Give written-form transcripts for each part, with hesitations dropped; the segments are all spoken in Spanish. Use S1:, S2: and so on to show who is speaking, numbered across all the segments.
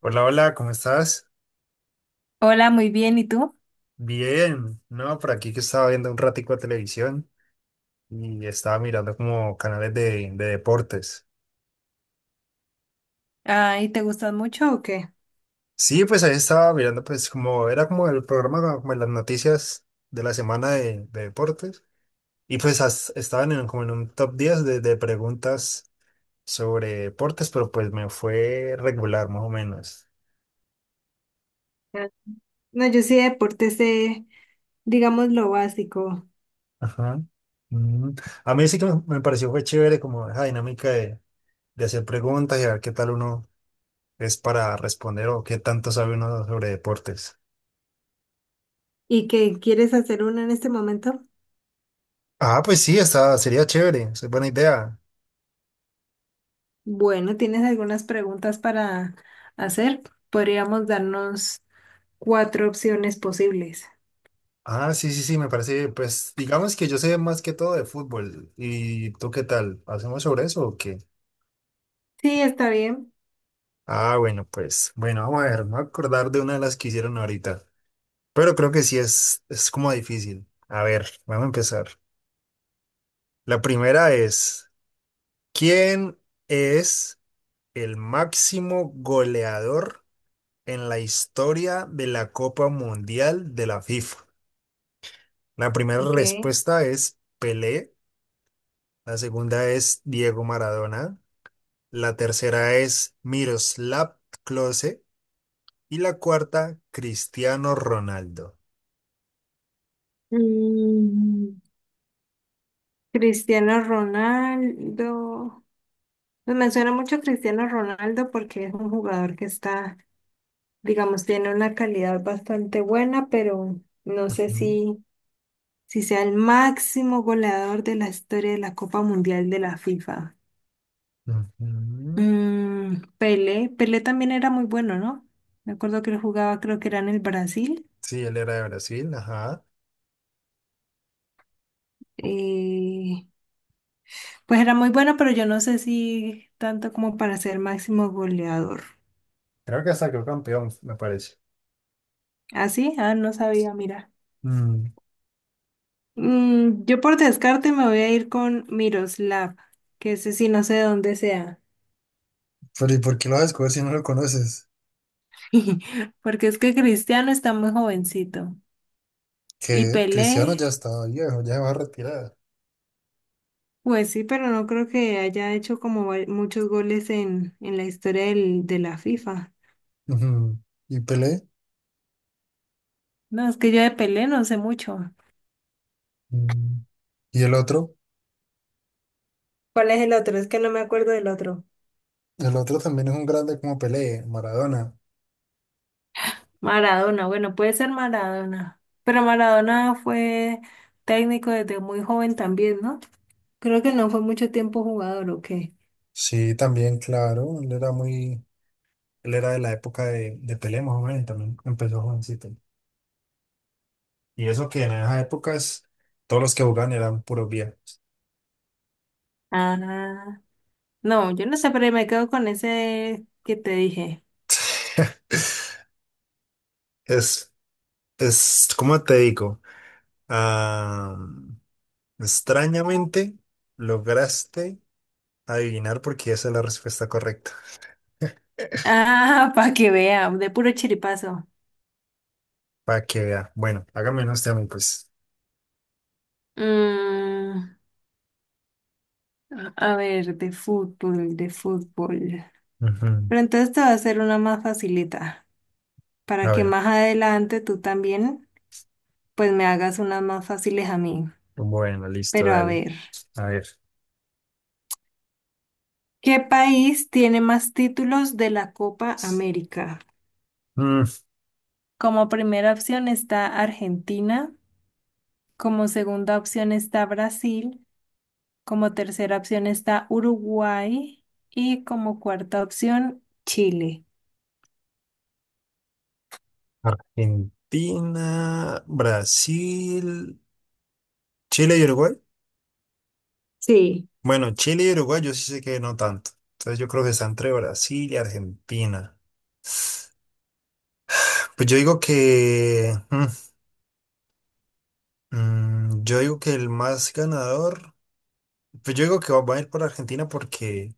S1: Hola, hola, ¿cómo estás?
S2: Hola, muy bien. ¿Y tú?
S1: Bien, no, por aquí que estaba viendo un ratico de televisión y estaba mirando como canales de deportes.
S2: Ah, ¿y te gustan mucho o qué?
S1: Sí, pues ahí estaba mirando, pues como era como el programa, como las noticias de la semana de deportes. Y pues estaban como en un top 10 de preguntas sobre deportes, pero pues me fue regular, más o menos.
S2: Ah, no, yo sí de deportes sé, digamos, lo básico.
S1: Ajá. Mm. A mí sí que me pareció fue chévere como esa dinámica de hacer preguntas y a ver qué tal uno es para responder o qué tanto sabe uno sobre deportes.
S2: ¿Y qué quieres hacer uno en este momento?
S1: Ah, pues sí, sería chévere, es buena idea.
S2: Bueno, ¿tienes algunas preguntas para hacer? Podríamos darnos cuatro opciones posibles.
S1: Ah, sí, sí, sí, me parece, pues digamos que yo sé más que todo de fútbol. ¿Y tú qué tal? ¿Hacemos sobre eso o qué?
S2: Sí, está bien.
S1: Ah, bueno, pues, bueno, vamos a ver, me voy a acordar de una de las que hicieron ahorita, pero creo que sí es como difícil. A ver, vamos a empezar. La primera es, ¿quién es el máximo goleador en la historia de la Copa Mundial de la FIFA? La primera
S2: Ok.
S1: respuesta es Pelé, la segunda es Diego Maradona, la tercera es Miroslav Klose y la cuarta Cristiano Ronaldo.
S2: Mm, Cristiano Ronaldo. Pues me suena mucho Cristiano Ronaldo porque es un jugador que está, digamos, tiene una calidad bastante buena, pero no sé
S1: Ujú,
S2: si sea el máximo goleador de la historia de la Copa Mundial de la FIFA.
S1: ujú.
S2: Pelé, Pelé también era muy bueno, ¿no? Me acuerdo que él jugaba, creo que era en el Brasil.
S1: Sí, él era de Brasil, ajá.
S2: Eh, pues era muy bueno, pero yo no sé si tanto como para ser máximo goleador.
S1: Creo que hasta quedó campeón, me parece.
S2: ¿Ah, sí? Ah, no sabía, mira.
S1: Mm,
S2: Yo por descarte me voy a ir con Miroslav, que ese sí no sé de dónde sea.
S1: pero ¿y por qué lo vas a descubrir si no lo conoces?
S2: Porque es que Cristiano está muy jovencito. Y
S1: Que Cristiano
S2: Pelé,
S1: ya está viejo, ya se va a retirar.
S2: pues sí, pero no creo que haya hecho como muchos goles en la historia de la FIFA.
S1: Ujú. ¿Y Pelé?
S2: No, es que yo de Pelé no sé mucho.
S1: Mm. Y el otro,
S2: ¿Cuál es el otro? Es que no me acuerdo del otro.
S1: el otro también es un grande como Pelé, Maradona.
S2: Maradona, bueno, puede ser Maradona. Pero Maradona fue técnico desde muy joven también, ¿no? Creo que no fue mucho tiempo jugador, ¿o qué?
S1: Sí, también, claro, él era de la época de Pelé, más o menos, y también empezó jovencito. Y eso que en esas épocas todos los que jugaban eran puros viejos.
S2: Ah, no, yo no sé, pero me quedo con ese que te dije.
S1: Es, es, ¿cómo te digo? Ah, extrañamente lograste adivinar porque esa es la respuesta correcta.
S2: Ah, para que vea, de puro chiripazo.
S1: Para que vea. Bueno, hágame unos temas, pues.
S2: Mm, a ver, de fútbol, de fútbol.
S1: Ujú.
S2: Pero entonces te va a hacer una más facilita, para
S1: A
S2: que
S1: ver.
S2: más adelante tú también, pues me hagas unas más fáciles a mí.
S1: Bueno, listo,
S2: Pero a
S1: dale.
S2: ver,
S1: A ver.
S2: ¿qué país tiene más títulos de la Copa América?
S1: mm,
S2: Como primera opción está Argentina, como segunda opción está Brasil. Como tercera opción está Uruguay y como cuarta opción Chile.
S1: Argentina, Brasil, Chile y Uruguay.
S2: Sí.
S1: Bueno, Chile y Uruguay yo sí sé que no tanto. Entonces yo creo que está entre Brasil y Argentina. Pues yo digo que el más ganador. Pues yo digo que va a ir por Argentina porque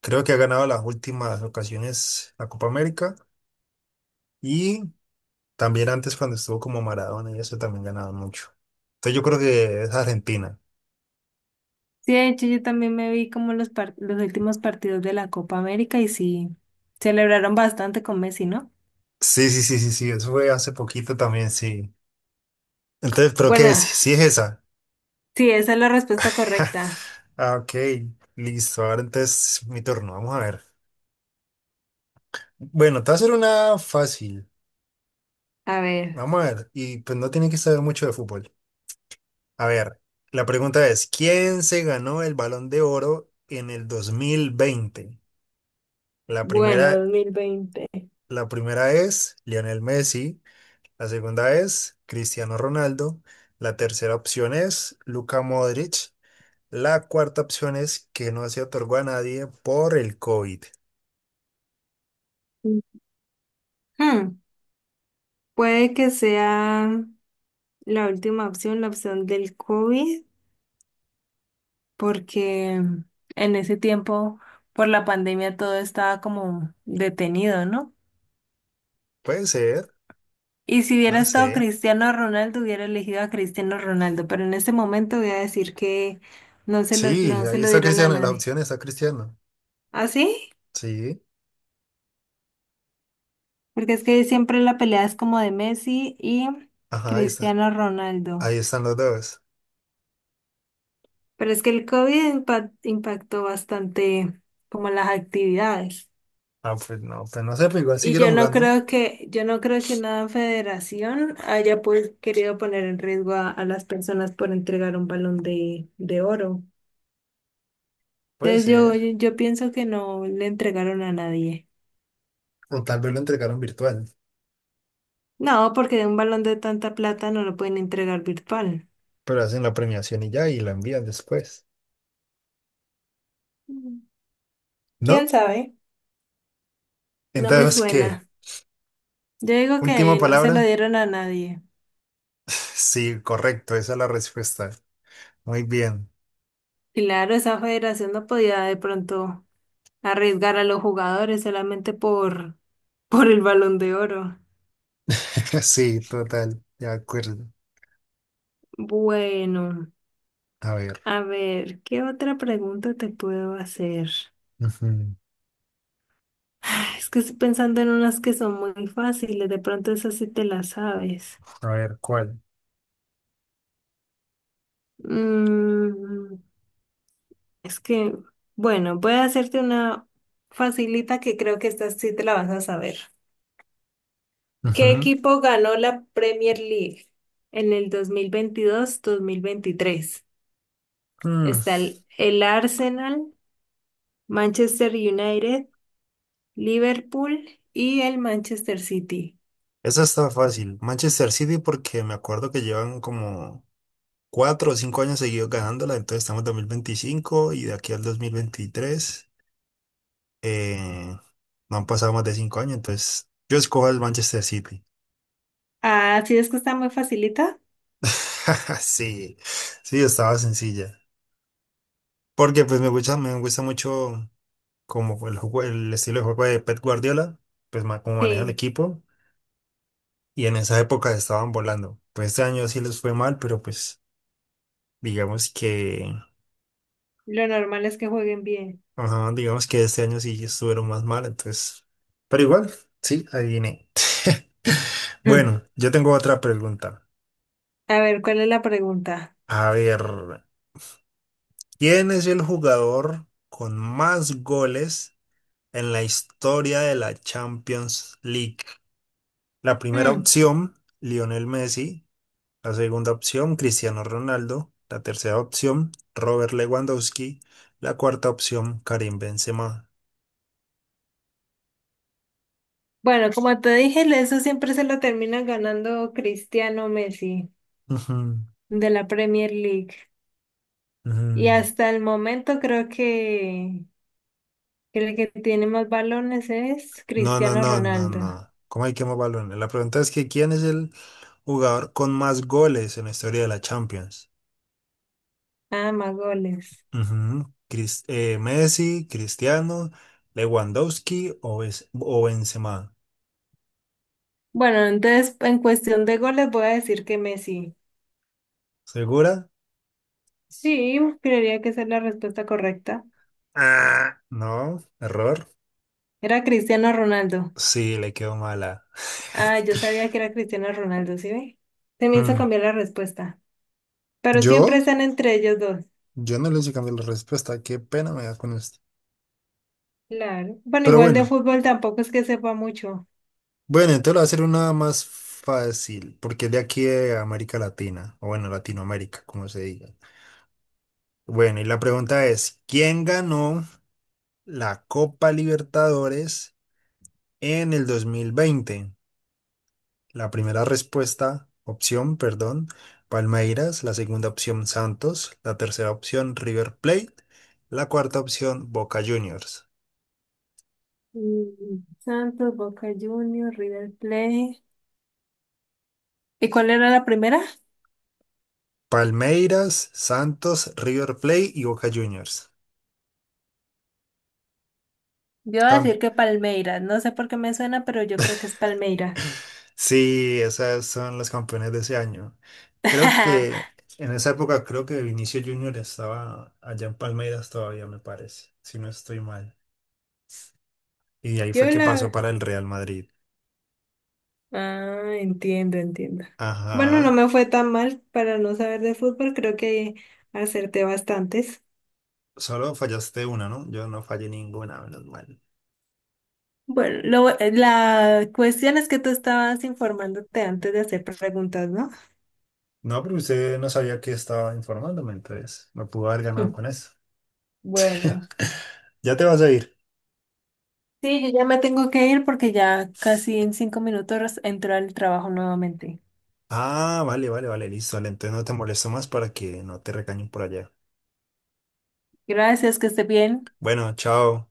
S1: creo que ha ganado las últimas ocasiones la Copa América y también antes cuando estuvo como Maradona y eso también ganaban mucho. Entonces yo creo que es Argentina.
S2: Sí, de hecho yo también me vi como los últimos partidos de la Copa América y sí, celebraron bastante con Messi, ¿no?
S1: Sí, sí, sí, sí, sí, eso fue hace poquito también, sí. Entonces, ¿pero qué es?
S2: Bueno,
S1: Sí, sí es esa.
S2: sí, esa es la respuesta correcta.
S1: Ok, listo. Ahora entonces mi turno, vamos a ver. Bueno, te voy a hacer una fácil.
S2: A ver.
S1: Vamos a ver, y pues no tiene que saber mucho de fútbol. A ver, la pregunta es, ¿quién se ganó el Balón de Oro en el 2020? La
S2: Bueno,
S1: primera,
S2: 2020.
S1: la primera es Lionel Messi, la segunda es Cristiano Ronaldo, la tercera opción es Luka Modric. La cuarta opción es que no se otorgó a nadie por el COVID.
S2: Hmm, puede que sea la última opción, la opción del COVID, porque en ese tiempo, por la pandemia, todo estaba como detenido, ¿no?
S1: Puede ser,
S2: Y si hubiera
S1: no
S2: estado
S1: sé.
S2: Cristiano Ronaldo, hubiera elegido a Cristiano Ronaldo, pero en este momento voy a decir que no se lo,
S1: Sí,
S2: no se
S1: ahí
S2: lo
S1: está
S2: dieron a
S1: Cristiano, en las
S2: nadie.
S1: opciones está Cristiano.
S2: ¿Ah, sí?
S1: Sí,
S2: Porque es que siempre la pelea es como de Messi y
S1: ajá, ahí está.
S2: Cristiano Ronaldo.
S1: Ahí están los dos.
S2: Pero es que el COVID impactó bastante como las actividades.
S1: Ah, pues no sé, pero igual
S2: Y
S1: siguieron
S2: yo no
S1: jugando.
S2: creo que, yo no creo que una federación haya pues querido poner en riesgo a las personas por entregar un balón de oro.
S1: Puede
S2: Entonces yo,
S1: ser.
S2: yo, yo pienso que no le entregaron a nadie.
S1: O tal vez lo entregaron virtual,
S2: No, porque de un balón de tanta plata no lo pueden entregar virtual.
S1: pero hacen la premiación y ya, y la envían después.
S2: Mm. ¿Quién
S1: ¿No?
S2: sabe? No me
S1: Entonces, ¿qué?
S2: suena. Yo digo
S1: ¿Última
S2: que no se lo
S1: palabra?
S2: dieron a nadie.
S1: Sí, correcto, esa es la respuesta. Muy bien.
S2: Claro, esa federación no podía de pronto arriesgar a los jugadores solamente por, por el balón de oro.
S1: Sí, total, de acuerdo.
S2: Bueno.
S1: A ver.
S2: A ver, ¿qué otra pregunta te puedo hacer?
S1: Ujú.
S2: Ah, es que estoy pensando en unas que son muy fáciles, de pronto esas sí te las sabes.
S1: A ver, ¿cuál?
S2: Mm, es que, bueno, voy a hacerte una facilita que creo que esta sí te la vas a saber. ¿Qué
S1: Ujú.
S2: equipo ganó la Premier League en el 2022-2023?
S1: Mm,
S2: Está el Arsenal, Manchester United, Liverpool y el Manchester City.
S1: Esa está fácil. Manchester City porque me acuerdo que llevan como 4 o 5 años seguidos ganándola, entonces estamos en 2025 y de aquí al 2023 eh, no han pasado más de 5 años, entonces yo escojo el Manchester City.
S2: Ah, sí, es que está muy facilita.
S1: Sí, sí, estaba sencilla. Porque pues me gusta mucho como el juego, el estilo de juego de Pep Guardiola, pues cómo maneja el
S2: Sí,
S1: equipo y en esa época estaban volando. Pues este año sí les fue mal, pero pues Digamos que,
S2: lo normal es que jueguen bien.
S1: ajá, digamos que este año sí estuvieron más mal, entonces, pero igual, sí, adiviné.
S2: Mm.
S1: Bueno, yo tengo otra pregunta.
S2: A ver, ¿cuál es la pregunta?
S1: A ver, ¿quién es el jugador con más goles en la historia de la Champions League? La primera
S2: Mm.
S1: opción, Lionel Messi. La segunda opción, Cristiano Ronaldo. La tercera opción, Robert Lewandowski. La cuarta opción, Karim Benzema.
S2: Bueno, como te dije, eso siempre se lo termina ganando Cristiano Messi
S1: Ujú,
S2: de la Premier League. Y
S1: ujú.
S2: hasta el momento creo que el que tiene más balones es
S1: No, no,
S2: Cristiano
S1: no, no,
S2: Ronaldo.
S1: no. ¿Cómo hay que más balones? La pregunta es que ¿quién es el jugador con más goles en la historia de la Champions?
S2: Ah, más goles.
S1: Ujú. Messi, Cristiano, Lewandowski o Benzema.
S2: Bueno, entonces en cuestión de goles voy a decir que Messi.
S1: ¿Segura?
S2: Sí, creería que esa es la respuesta correcta.
S1: Ah, no, error.
S2: Era Cristiano Ronaldo.
S1: Sí, le quedó mala.
S2: Ah, yo sabía que era Cristiano Ronaldo, ¿sí ve? Se me hizo
S1: Mm,
S2: cambiar la respuesta. Pero
S1: ¿Yo?
S2: siempre están entre ellos dos.
S1: Yo no le hice cambiar la respuesta. Qué pena me da con esto.
S2: Claro. Bueno,
S1: Pero
S2: igual de
S1: bueno.
S2: fútbol tampoco es que sepa mucho.
S1: Bueno, entonces lo voy a hacer una más fácil, porque es de aquí de América Latina, o bueno, Latinoamérica, como se diga. Bueno, y la pregunta es, ¿quién ganó la Copa Libertadores en el 2020? La primera respuesta, opción, perdón, Palmeiras, la segunda opción, Santos, la tercera opción, River Plate, la cuarta opción, Boca Juniors.
S2: Santos, Boca Juniors, River Plate. ¿Y cuál era la primera?
S1: Palmeiras, Santos, River Plate y Boca Juniors.
S2: Yo iba a decir que Palmeiras. No sé por qué me suena, pero yo creo que es Palmeiras.
S1: Sí, esas son las campeonas de ese año. Creo que en esa época, creo que Vinicio Junior estaba allá en Palmeiras todavía, me parece, si no estoy mal. Y ahí fue
S2: Yo
S1: que pasó
S2: la...
S1: para el Real Madrid.
S2: Ah, entiendo, entiendo. Bueno, no
S1: Ajá,
S2: me fue tan mal para no saber de fútbol. Creo que acerté bastantes.
S1: solo fallaste una, ¿no? Yo no fallé ninguna, menos mal.
S2: Bueno, la cuestión es que tú estabas informándote antes de hacer preguntas, ¿no?
S1: No, pero usted no sabía que estaba informándome, entonces me pudo haber ganado con eso.
S2: Bueno,
S1: Ya te vas a ir.
S2: sí, yo ya me tengo que ir porque ya casi en 5 minutos entro al trabajo nuevamente.
S1: Ah, vale, vale, vale, listo. Vale, entonces no te molesto más para que no te recañen por allá.
S2: Gracias, que esté bien.
S1: Bueno, chao.